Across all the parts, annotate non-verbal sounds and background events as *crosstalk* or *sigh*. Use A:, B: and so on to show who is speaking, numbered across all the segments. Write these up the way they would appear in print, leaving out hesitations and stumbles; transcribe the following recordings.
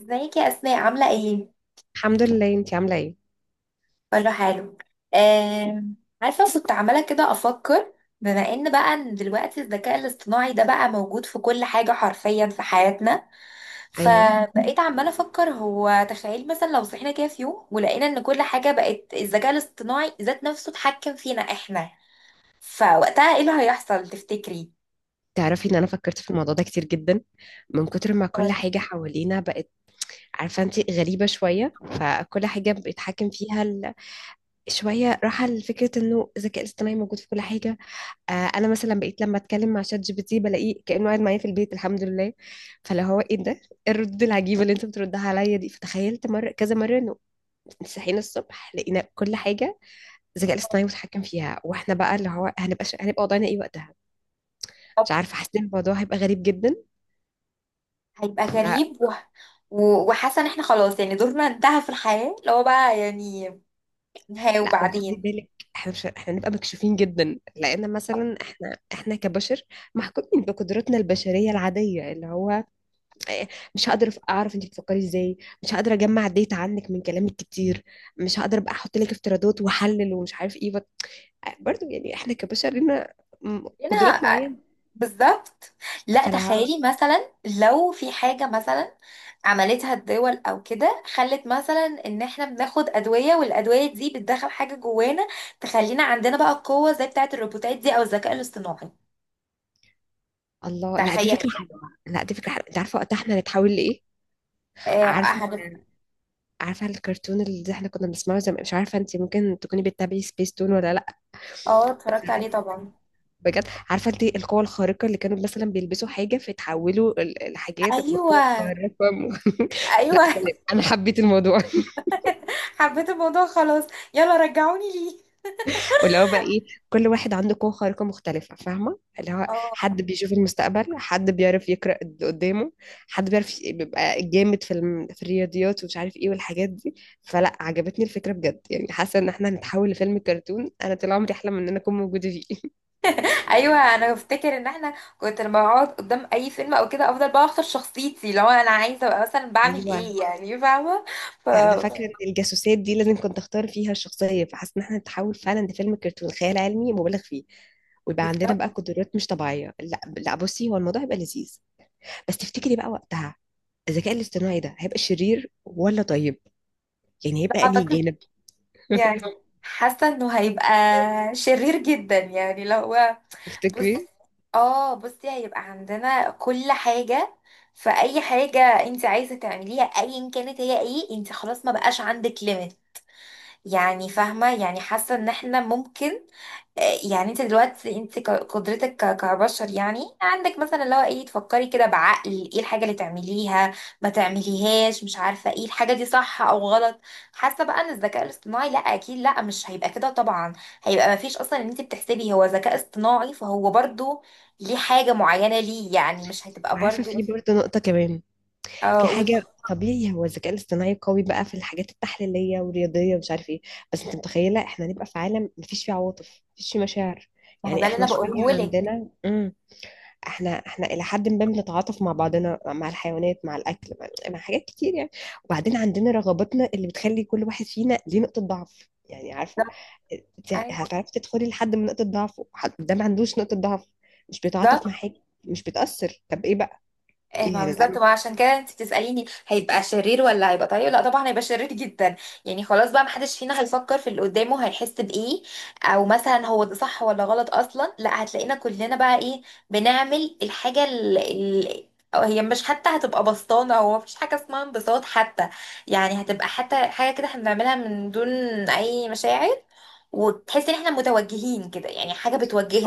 A: ازيك يا اسماء، عامله ايه؟
B: الحمد لله، انتي عاملة ايه؟
A: كله حلو. آم، عارفه، كنت عماله كده افكر، بما ان دلوقتي الذكاء الاصطناعي ده بقى موجود في كل حاجه، حرفيا في حياتنا.
B: ايوه،
A: فبقيت عماله افكر، هو تخيل مثلا لو صحينا كده في يوم ولقينا ان كل حاجه بقت الذكاء الاصطناعي ذات نفسه اتحكم فينا احنا، فوقتها ايه اللي هيحصل تفتكري؟
B: تعرفي ان انا فكرت في الموضوع ده كتير جدا. من كتر ما كل حاجة حوالينا بقت، عارفة انتي غريبة شوية، فكل حاجة بيتحكم فيها ال... شوية راحة لفكرة انه الذكاء الاصطناعي موجود في كل حاجة. آه، انا مثلا بقيت لما اتكلم مع شات جي بي تي بلاقيه كأنه قاعد معايا في البيت، الحمد لله. فلو هو ايه ده؟ ايه الردود العجيبة اللي انت بتردها عليا دي؟ فتخيلت مرة، كذا مرة، انه صحينا الصبح لقينا كل حاجة الذكاء الاصطناعي متحكم فيها، واحنا بقى اللي هو هنبقى هنبقى وضعنا ايه وقتها؟
A: طب،
B: مش عارفه، حسيت إن الموضوع هيبقى غريب جدا.
A: هيبقى
B: فلا،
A: غريب وحاسه ان احنا خلاص، يعني دورنا انتهى في الحياه، اللي هو بقى يعني نهايه.
B: وخدي
A: وبعدين؟
B: بالك، احنا مش احنا نبقى مكشوفين جدا؟ لان مثلا احنا كبشر محكومين بقدراتنا البشريه العاديه، اللي هو إيه، مش هقدر اعرف انت بتفكري ازاي، مش هقدر اجمع ديتا عنك من كلامك كتير، مش هقدر ابقى احط لك افتراضات واحلل ومش عارف ايه برضو. يعني احنا كبشر لنا قدرات
A: هنا
B: معينه.
A: بالظبط. لا
B: فلا،
A: تخيلي، مثلا لو في حاجة مثلا عملتها الدول او كده، خلت مثلا ان احنا بناخد ادوية، والادوية دي بتدخل حاجة جوانا تخلينا عندنا بقى قوة زي بتاعة الروبوتات دي، او الذكاء الاصطناعي.
B: الله، لا دي
A: تخيل.
B: فكره حلوه. لا دي فكره حلوه، انت عارفه وقتها احنا هنتحول لايه؟
A: اه،
B: عارفه، عارفه الكرتون اللي احنا كنا بنسمعه زمان؟ مش عارفه انت ممكن تكوني بتتابعي سبيس تون ولا لا.
A: آه، اتفرجت عليه طبعا.
B: بجد، عارفه انت القوه الخارقه اللي كانوا مثلا بيلبسوا حاجه فيتحولوا الحاجات
A: ايوه،
B: بقوه خارقه *laughs* لا
A: ايوه.
B: تمام، انا حبيت الموضوع *laughs*
A: *laughs* حبيت الموضوع، خلاص يلا رجعوني ليه.
B: واللي هو بقى ايه، كل واحد عنده قوه خارقه مختلفه، فاهمه؟ اللي هو
A: اه،
B: حد بيشوف المستقبل، حد بيعرف يقرا اللي قدامه، حد بيعرف بيبقى جامد في في الرياضيات ومش عارف ايه والحاجات دي. فلا، عجبتني الفكره بجد، يعني حاسه ان احنا هنتحول لفيلم كرتون انا طول عمري احلم ان انا اكون موجوده فيه *laughs*
A: ايوه، انا بفتكر ان احنا، كنت لما بقعد قدام اي فيلم او كده، افضل بقى اختار شخصيتي لو انا عايزه ابقى مثلا بعمل
B: ايوه،
A: ايه، يعني فاهمه. ف
B: انا فاكره ان الجاسوسات دي لازم كنت اختار فيها الشخصيه، فحاسه ان احنا نتحول فعلا لفيلم كرتون خيال علمي مبالغ فيه، ويبقى عندنا بقى
A: بالظبط.
B: قدرات مش طبيعيه. لا لا، بصي هو الموضوع هيبقى لذيذ، بس تفتكري بقى وقتها الذكاء الاصطناعي ده هيبقى شرير ولا طيب؟ يعني هيبقى انهي
A: اعتقد
B: جانب؟
A: يعني حاسه انه هيبقى شرير جدا، يعني لو هو. بص
B: تفتكري؟
A: اه بصي، هيبقى عندنا كل حاجه، فاي حاجه انت عايزه تعمليها ايا كانت، هي ايه؟ انت خلاص ما بقاش عندك ليميت. يعني فاهمه، يعني حاسه ان احنا ممكن، يعني انت دلوقتي، قدرتك كبشر، يعني عندك مثلا اللي هو ايه، تفكري كده بعقل ايه الحاجة اللي تعمليها، ما تعمليهاش، مش عارفة ايه الحاجة دي، صح او غلط. حاسة بقى ان الذكاء الاصطناعي، لا اكيد لا، مش هيبقى كده طبعا، هيبقى ما فيش اصلا ان انت بتحسبي هو ذكاء اصطناعي، فهو برضو ليه حاجة معينة، ليه يعني مش هتبقى
B: وعارفه
A: برضو.
B: في برضه نقطه كمان،
A: اه
B: في
A: قولي.
B: حاجه، طبيعي هو الذكاء الاصطناعي قوي بقى في الحاجات التحليليه والرياضيه ومش عارف ايه، بس انت متخيله احنا هنبقى في عالم مفيش فيه عواطف، مفيش فيه مشاعر؟
A: ما هو
B: يعني
A: ده اللي
B: احنا
A: انا
B: شويه
A: بقوله لك.
B: عندنا احنا الى حد ما بنتعاطف مع بعضنا، مع الحيوانات، مع الاكل، مع حاجات كتير يعني. وبعدين عندنا رغباتنا اللي بتخلي كل واحد فينا ليه نقطة ضعف، يعني عارفة
A: بالظبط.
B: انت
A: أيوة،
B: هتعرفي تدخلي لحد من نقطة ضعفه، حد ده ما عندوش نقطة ضعف، مش بيتعاطف مع
A: بالظبط.
B: حاجة، مش بتأثر، طب ايه بقى؟
A: إيه؟
B: ايه
A: ما بالظبط،
B: هنتعمل؟
A: ما عشان كده انت بتسأليني هيبقى شرير ولا هيبقى طيب. لا طبعا هيبقى شرير جدا. يعني خلاص بقى، محدش فينا هيفكر في اللي قدامه، هيحس بإيه او مثلا هو ده صح ولا غلط اصلا. لا هتلاقينا كلنا بقى ايه، بنعمل الحاجة اللي هي مش حتى هتبقى بسطانة، هو مفيش حاجة اسمها انبساط حتى. يعني هتبقى حتى حاجة كده احنا بنعملها من دون اي مشاعر، وتحس ان احنا متوجهين كده، يعني حاجة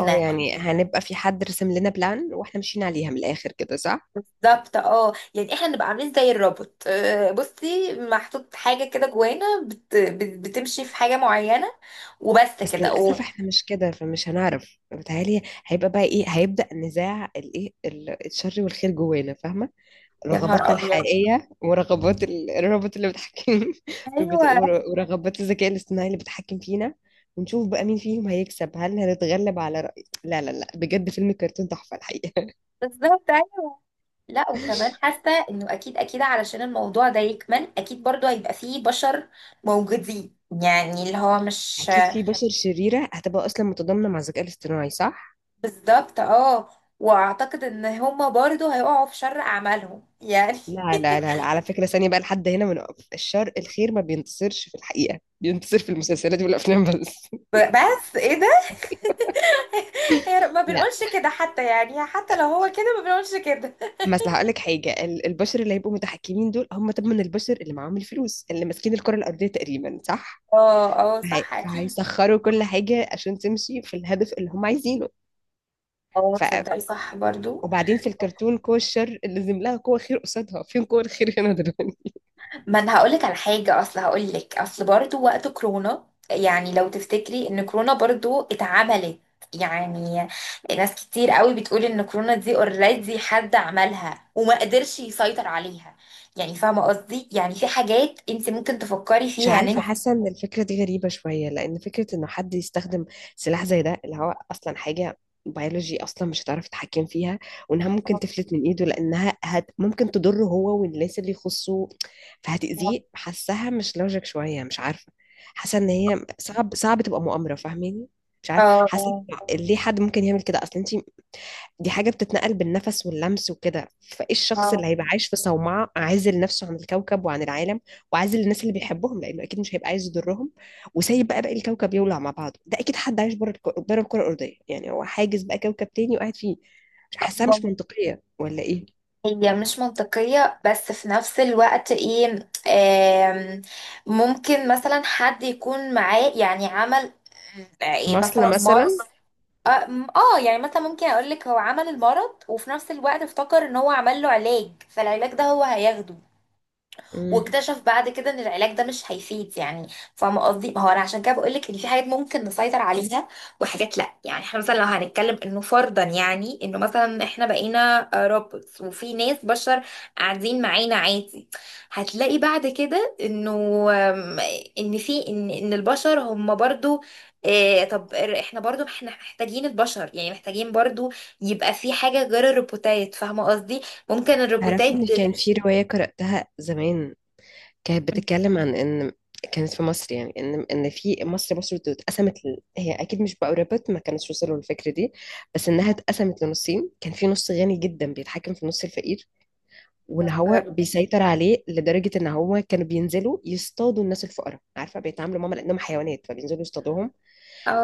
B: اه يعني هنبقى في حد رسم لنا بلان واحنا ماشيين عليها من الاخر كده، صح؟
A: بالظبط، اه، يعني احنا نبقى عاملين زي الروبوت، بصي محطوط حاجه كده جوانا بتمشي في حاجه معينه، وبس
B: بس
A: كده.
B: للاسف
A: اوه،
B: احنا مش كده، فمش هنعرف. بتهيألي هيبقى بقى ايه، هيبدأ نزاع الايه، الشر والخير جوانا، فاهمة؟
A: يا نهار
B: رغباتنا
A: ابيض!
B: الحقيقية ورغبات الروبوت اللي بيتحكم *laughs*
A: ايوه،
B: ورغبات الذكاء الاصطناعي اللي بيتحكم فينا. ونشوف بقى مين فيهم هيكسب، هل هنتغلب على رأي؟ لا لا لا، بجد فيلم كرتون تحفة الحقيقة.
A: بالظبط ايوه. لا وكمان حاسه انه اكيد اكيد، علشان الموضوع ده يكمل، اكيد برضو هيبقى فيه بشر موجودين، يعني اللي هو
B: *laughs*
A: مش
B: أكيد في بشر شريرة هتبقى أصلا متضامنة مع الذكاء الاصطناعي، صح؟
A: بالظبط. اه، واعتقد ان هما برضو هيقعوا في شر اعمالهم، يعني.
B: لا لا لا، لا. على فكرة، ثانية بقى لحد هنا بنقف، الشر الخير ما بينتصرش في الحقيقة، بينتصر في المسلسلات والأفلام بس.
A: بس ايه ده؟ هي ما
B: *laughs* لا،
A: بنقولش كده حتى، يعني حتى لو هو كده ما بنقولش كده.
B: مثلا هقول لك حاجه، البشر اللي هيبقوا متحكمين دول هم طبعا البشر اللي معاهم الفلوس، اللي ماسكين الكره الارضيه تقريبا، صح؟
A: اه، اه، صح اكيد.
B: فهيسخروا كل حاجة عشان تمشي في الهدف اللي هم عايزينه.
A: اه،
B: ف...
A: تصدقي صح برضو،
B: وبعدين في الكرتون قوة الشر اللي لازم لها قوة خير قصادها، فين قوة الخير هنا دلوقتي؟
A: ما انا هقولك على حاجه، اصل هقولك اصل برضو وقت كورونا، يعني لو تفتكري ان كورونا برضو اتعملت يعني، ناس كتير قوي بتقول ان كورونا دي اوريدي حد عملها وما قدرش يسيطر عليها، يعني فاهمه قصدي، يعني في حاجات انت ممكن تفكري
B: مش
A: فيها ان
B: عارفة،
A: انت.
B: حاسة ان الفكرة دي غريبة شوية، لان فكرة انه حد يستخدم سلاح زي ده اللي هو اصلا حاجة بيولوجي اصلا مش هتعرف تتحكم فيها، وانها ممكن تفلت من ايده لانها هت ممكن تضره هو والناس اللي يخصه، فهتأذيه. حاساها مش لوجيك شوية، مش عارفة، حاسة ان هي صعب، صعب تبقى مؤامرة، فاهماني؟ مش عارفة، حاسة
A: اه،
B: ليه حد ممكن يعمل كده اصلا؟ انت دي حاجة بتتنقل بالنفس واللمس وكده، فايه الشخص
A: اه،
B: اللي هيبقى عايش في صومعة عازل نفسه عن الكوكب وعن العالم، وعازل الناس اللي بيحبهم لأنه أكيد مش هيبقى عايز يضرهم، وسايب بقى باقي الكوكب يولع مع بعضه؟ ده أكيد حد عايش بره بره الكرة الأرضية، يعني هو حاجز بقى كوكب تاني وقاعد فيه. مش حاساها مش
A: آه.
B: منطقية ولا إيه؟
A: هي مش منطقية بس في نفس الوقت ايه، ممكن مثلا حد يكون معاه يعني عمل، ايه
B: مصل
A: مثلا أصلا مرض.
B: مثلا.
A: اه، يعني مثلا ممكن اقولك هو عمل المرض، وفي نفس الوقت افتكر ان هو عمل له علاج، فالعلاج ده هو هياخده،
B: مم.
A: واكتشف بعد كده ان العلاج ده مش هيفيد يعني. فاهمه قصدي، ما هو انا عشان كده بقول لك ان في حاجات ممكن نسيطر عليها وحاجات لا، يعني احنا مثلا لو هنتكلم انه فرضا يعني انه مثلا احنا بقينا روبوتس وفي ناس بشر قاعدين معانا عادي، هتلاقي بعد كده انه، آم، ان في ان البشر هم برضو إيه؟ طب احنا برضو احنا محتاجين البشر، يعني محتاجين برضو، يبقى في حاجة غير الروبوتات، فاهمة قصدي؟ ممكن
B: تعرفي إن كان في رواية قرأتها زمان، كانت
A: الروبوتات.
B: بتتكلم عن ان كانت في مصر، يعني ان في مصر، مصر اتقسمت هي اكيد مش بقربت، ما كانتش وصلوا للفكره دي، بس انها اتقسمت لنصين، كان في نص غني جدا بيتحكم في نص الفقير، وان هو بيسيطر عليه لدرجه ان هو كانوا بينزلوا يصطادوا الناس الفقراء، عارفه؟ بيتعاملوا معاهم لانهم حيوانات، فبينزلوا يصطادوهم.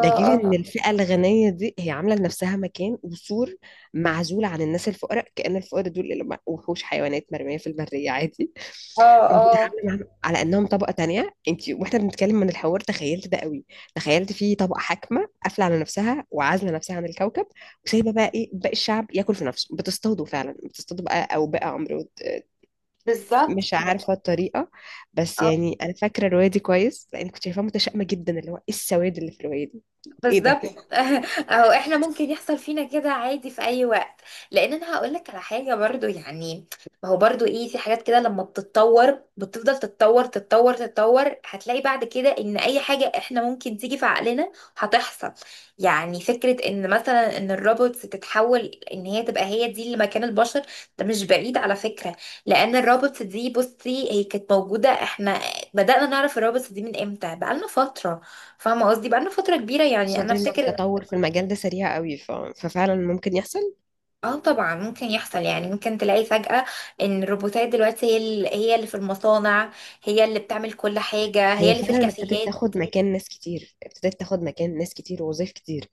B: ده غير
A: اه،
B: ان الفئة الغنية دي هي عاملة لنفسها مكان وسور معزول عن الناس الفقراء، كأن الفقراء دول اللي هم وحوش حيوانات مرمية في المرية عادي
A: اه،
B: *laughs*
A: اه،
B: وبيتعاملوا معاهم على انهم طبقة تانية. انت، واحنا بنتكلم من الحوار، تخيلت ده قوي. تخيلت في طبقة حاكمة قافلة على نفسها وعازلة نفسها عن الكوكب، وسايبة بقى ايه باقي الشعب ياكل في نفسه، بتصطادوا فعلا، بتصطادوا بقى او بقى عمرو،
A: بالظبط.
B: مش عارفة الطريقة. بس
A: اه
B: يعني انا فاكرة الرواية دي كويس لان كنت شايفاها متشائمة جدا، اللي هو ايه السواد اللي في الرواية دي. ايه ده؟
A: بالظبط. *laughs* اهو احنا ممكن يحصل فينا كده عادي في اي وقت. لان انا هقول لك على حاجه برضو، يعني ما هو برضو ايه، في حاجات كده لما بتتطور بتفضل تتطور تتطور تتطور، هتلاقي بعد كده ان اي حاجه احنا ممكن تيجي في عقلنا هتحصل. يعني فكره ان مثلا ان الروبوتس تتحول، ان هي تبقى هي دي اللي مكان البشر، ده مش بعيد على فكره. لان الروبوتس دي بصي هي كانت موجوده، احنا بدانا نعرف الروبوتس دي من امتى؟ بقالنا فتره، فاهمة قصدي؟ بقالنا فترة كبيرة، يعني
B: قصاد
A: أنا
B: إن
A: أفتكر.
B: التطور في المجال ده سريع قوي ففعلا ممكن يحصل.
A: اه طبعا ممكن يحصل، يعني ممكن تلاقي فجأة إن الروبوتات دلوقتي هي اللي في المصانع، هي اللي بتعمل كل حاجة، هي
B: هي
A: اللي في
B: فعلا ابتدت
A: الكافيهات.
B: تاخد مكان ناس كتير، ابتدت تاخد مكان ناس كتير ووظايف كتير،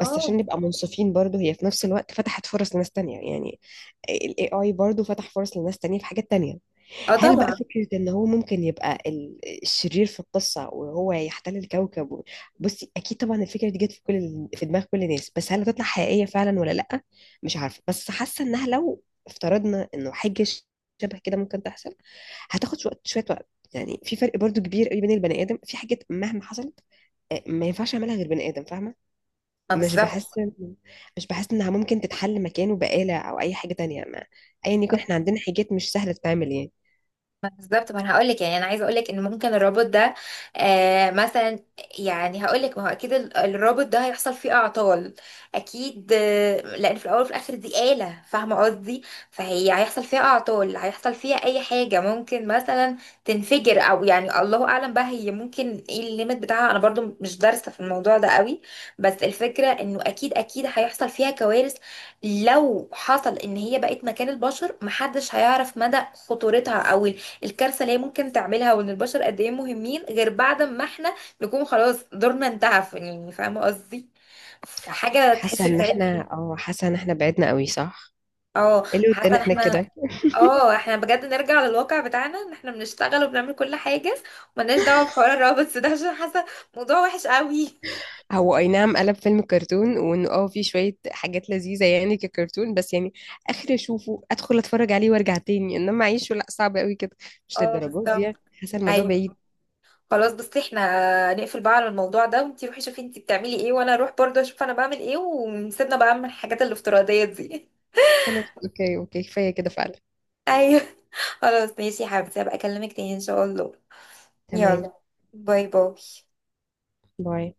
B: بس عشان نبقى منصفين برضو هي في نفس الوقت فتحت فرص لناس تانية يعني. ال AI برضو فتح فرص لناس تانية في حاجات تانية.
A: اه
B: هل بقى
A: طبعا.
B: فكرة ان هو ممكن يبقى الشرير في القصة، وهو يحتل الكوكب بصي اكيد طبعا الفكرة دي جت في كل في دماغ كل الناس، بس هل هتطلع حقيقية فعلا ولا لأ؟ مش عارفة، بس حاسة انها لو افترضنا انه حاجة شبه كده ممكن تحصل، هتاخد شوية شوية وقت. يعني في فرق برضو كبير قوي بين البني آدم، في حاجات مهما حصلت ما ينفعش يعملها غير بني آدم، فاهمة؟
A: ما
B: مش بحس
A: بالظبط
B: إن- مش بحس انها ممكن تتحل مكانه بآلة او اي حاجة تانية. ما ايا يكون احنا عندنا حاجات مش سهلة تتعمل يعني.
A: بالظبط، ما انا هقول لك، يعني انا عايزه اقول لك ان ممكن الرابط ده، مثلا، يعني هقول لك ما هو اكيد الرابط ده هيحصل فيه اعطال اكيد، لان في الاول وفي الاخر دي آلة، فاهمه قصدي؟ فهي هيحصل فيها اعطال، هيحصل فيها اي حاجه، ممكن مثلا تنفجر او يعني الله اعلم بقى، هي ممكن ايه الليميت بتاعها؟ انا برضو مش دارسه في الموضوع ده قوي، بس الفكره انه اكيد اكيد هيحصل فيها كوارث. لو حصل ان هي بقت مكان البشر، محدش هيعرف مدى خطورتها او الكارثة اللي هي ممكن تعملها، وان البشر قد ايه مهمين غير بعد ما احنا نكون خلاص دورنا انتهى، يعني فاهمة قصدي، فحاجة
B: حاسة
A: تحس
B: ان
A: في علم.
B: احنا، اه حاسة ان احنا بعدنا قوي، صح؟
A: اه،
B: ايه اللي
A: حتى
B: ودانا
A: ان
B: احنا
A: احنا.
B: كده؟
A: اه، احنا بجد نرجع للواقع بتاعنا، ان احنا بنشتغل وبنعمل كل حاجة، وملناش دعوة بحوار الروابط ده، عشان حاسة موضوع وحش قوي.
B: هو اي نعم، قلب فيلم كرتون، وانه اه في شوية حاجات لذيذة يعني ككرتون، بس يعني اخر اشوفه ادخل اتفرج عليه وارجع تاني، انما اعيشه لا، صعب قوي كده، مش
A: اه
B: للدرجات دي
A: بالظبط
B: يعني. حاسة الموضوع
A: ايوه.
B: بعيد.
A: خلاص، بس احنا نقفل بقى على الموضوع ده، وانتي روحي شوفي انتي بتعملي ايه، وانا اروح برضه اشوف انا بعمل ايه، ونسيبنا بقى من الحاجات الافتراضية دي.
B: خلاص اوكي اوكي، كفاية كده فعلا.
A: ايوه *laughs* خلاص ماشي يا حبيبتي، هبقى اكلمك تاني ان شاء الله.
B: تمام.
A: يلا، باي باي.
B: باي.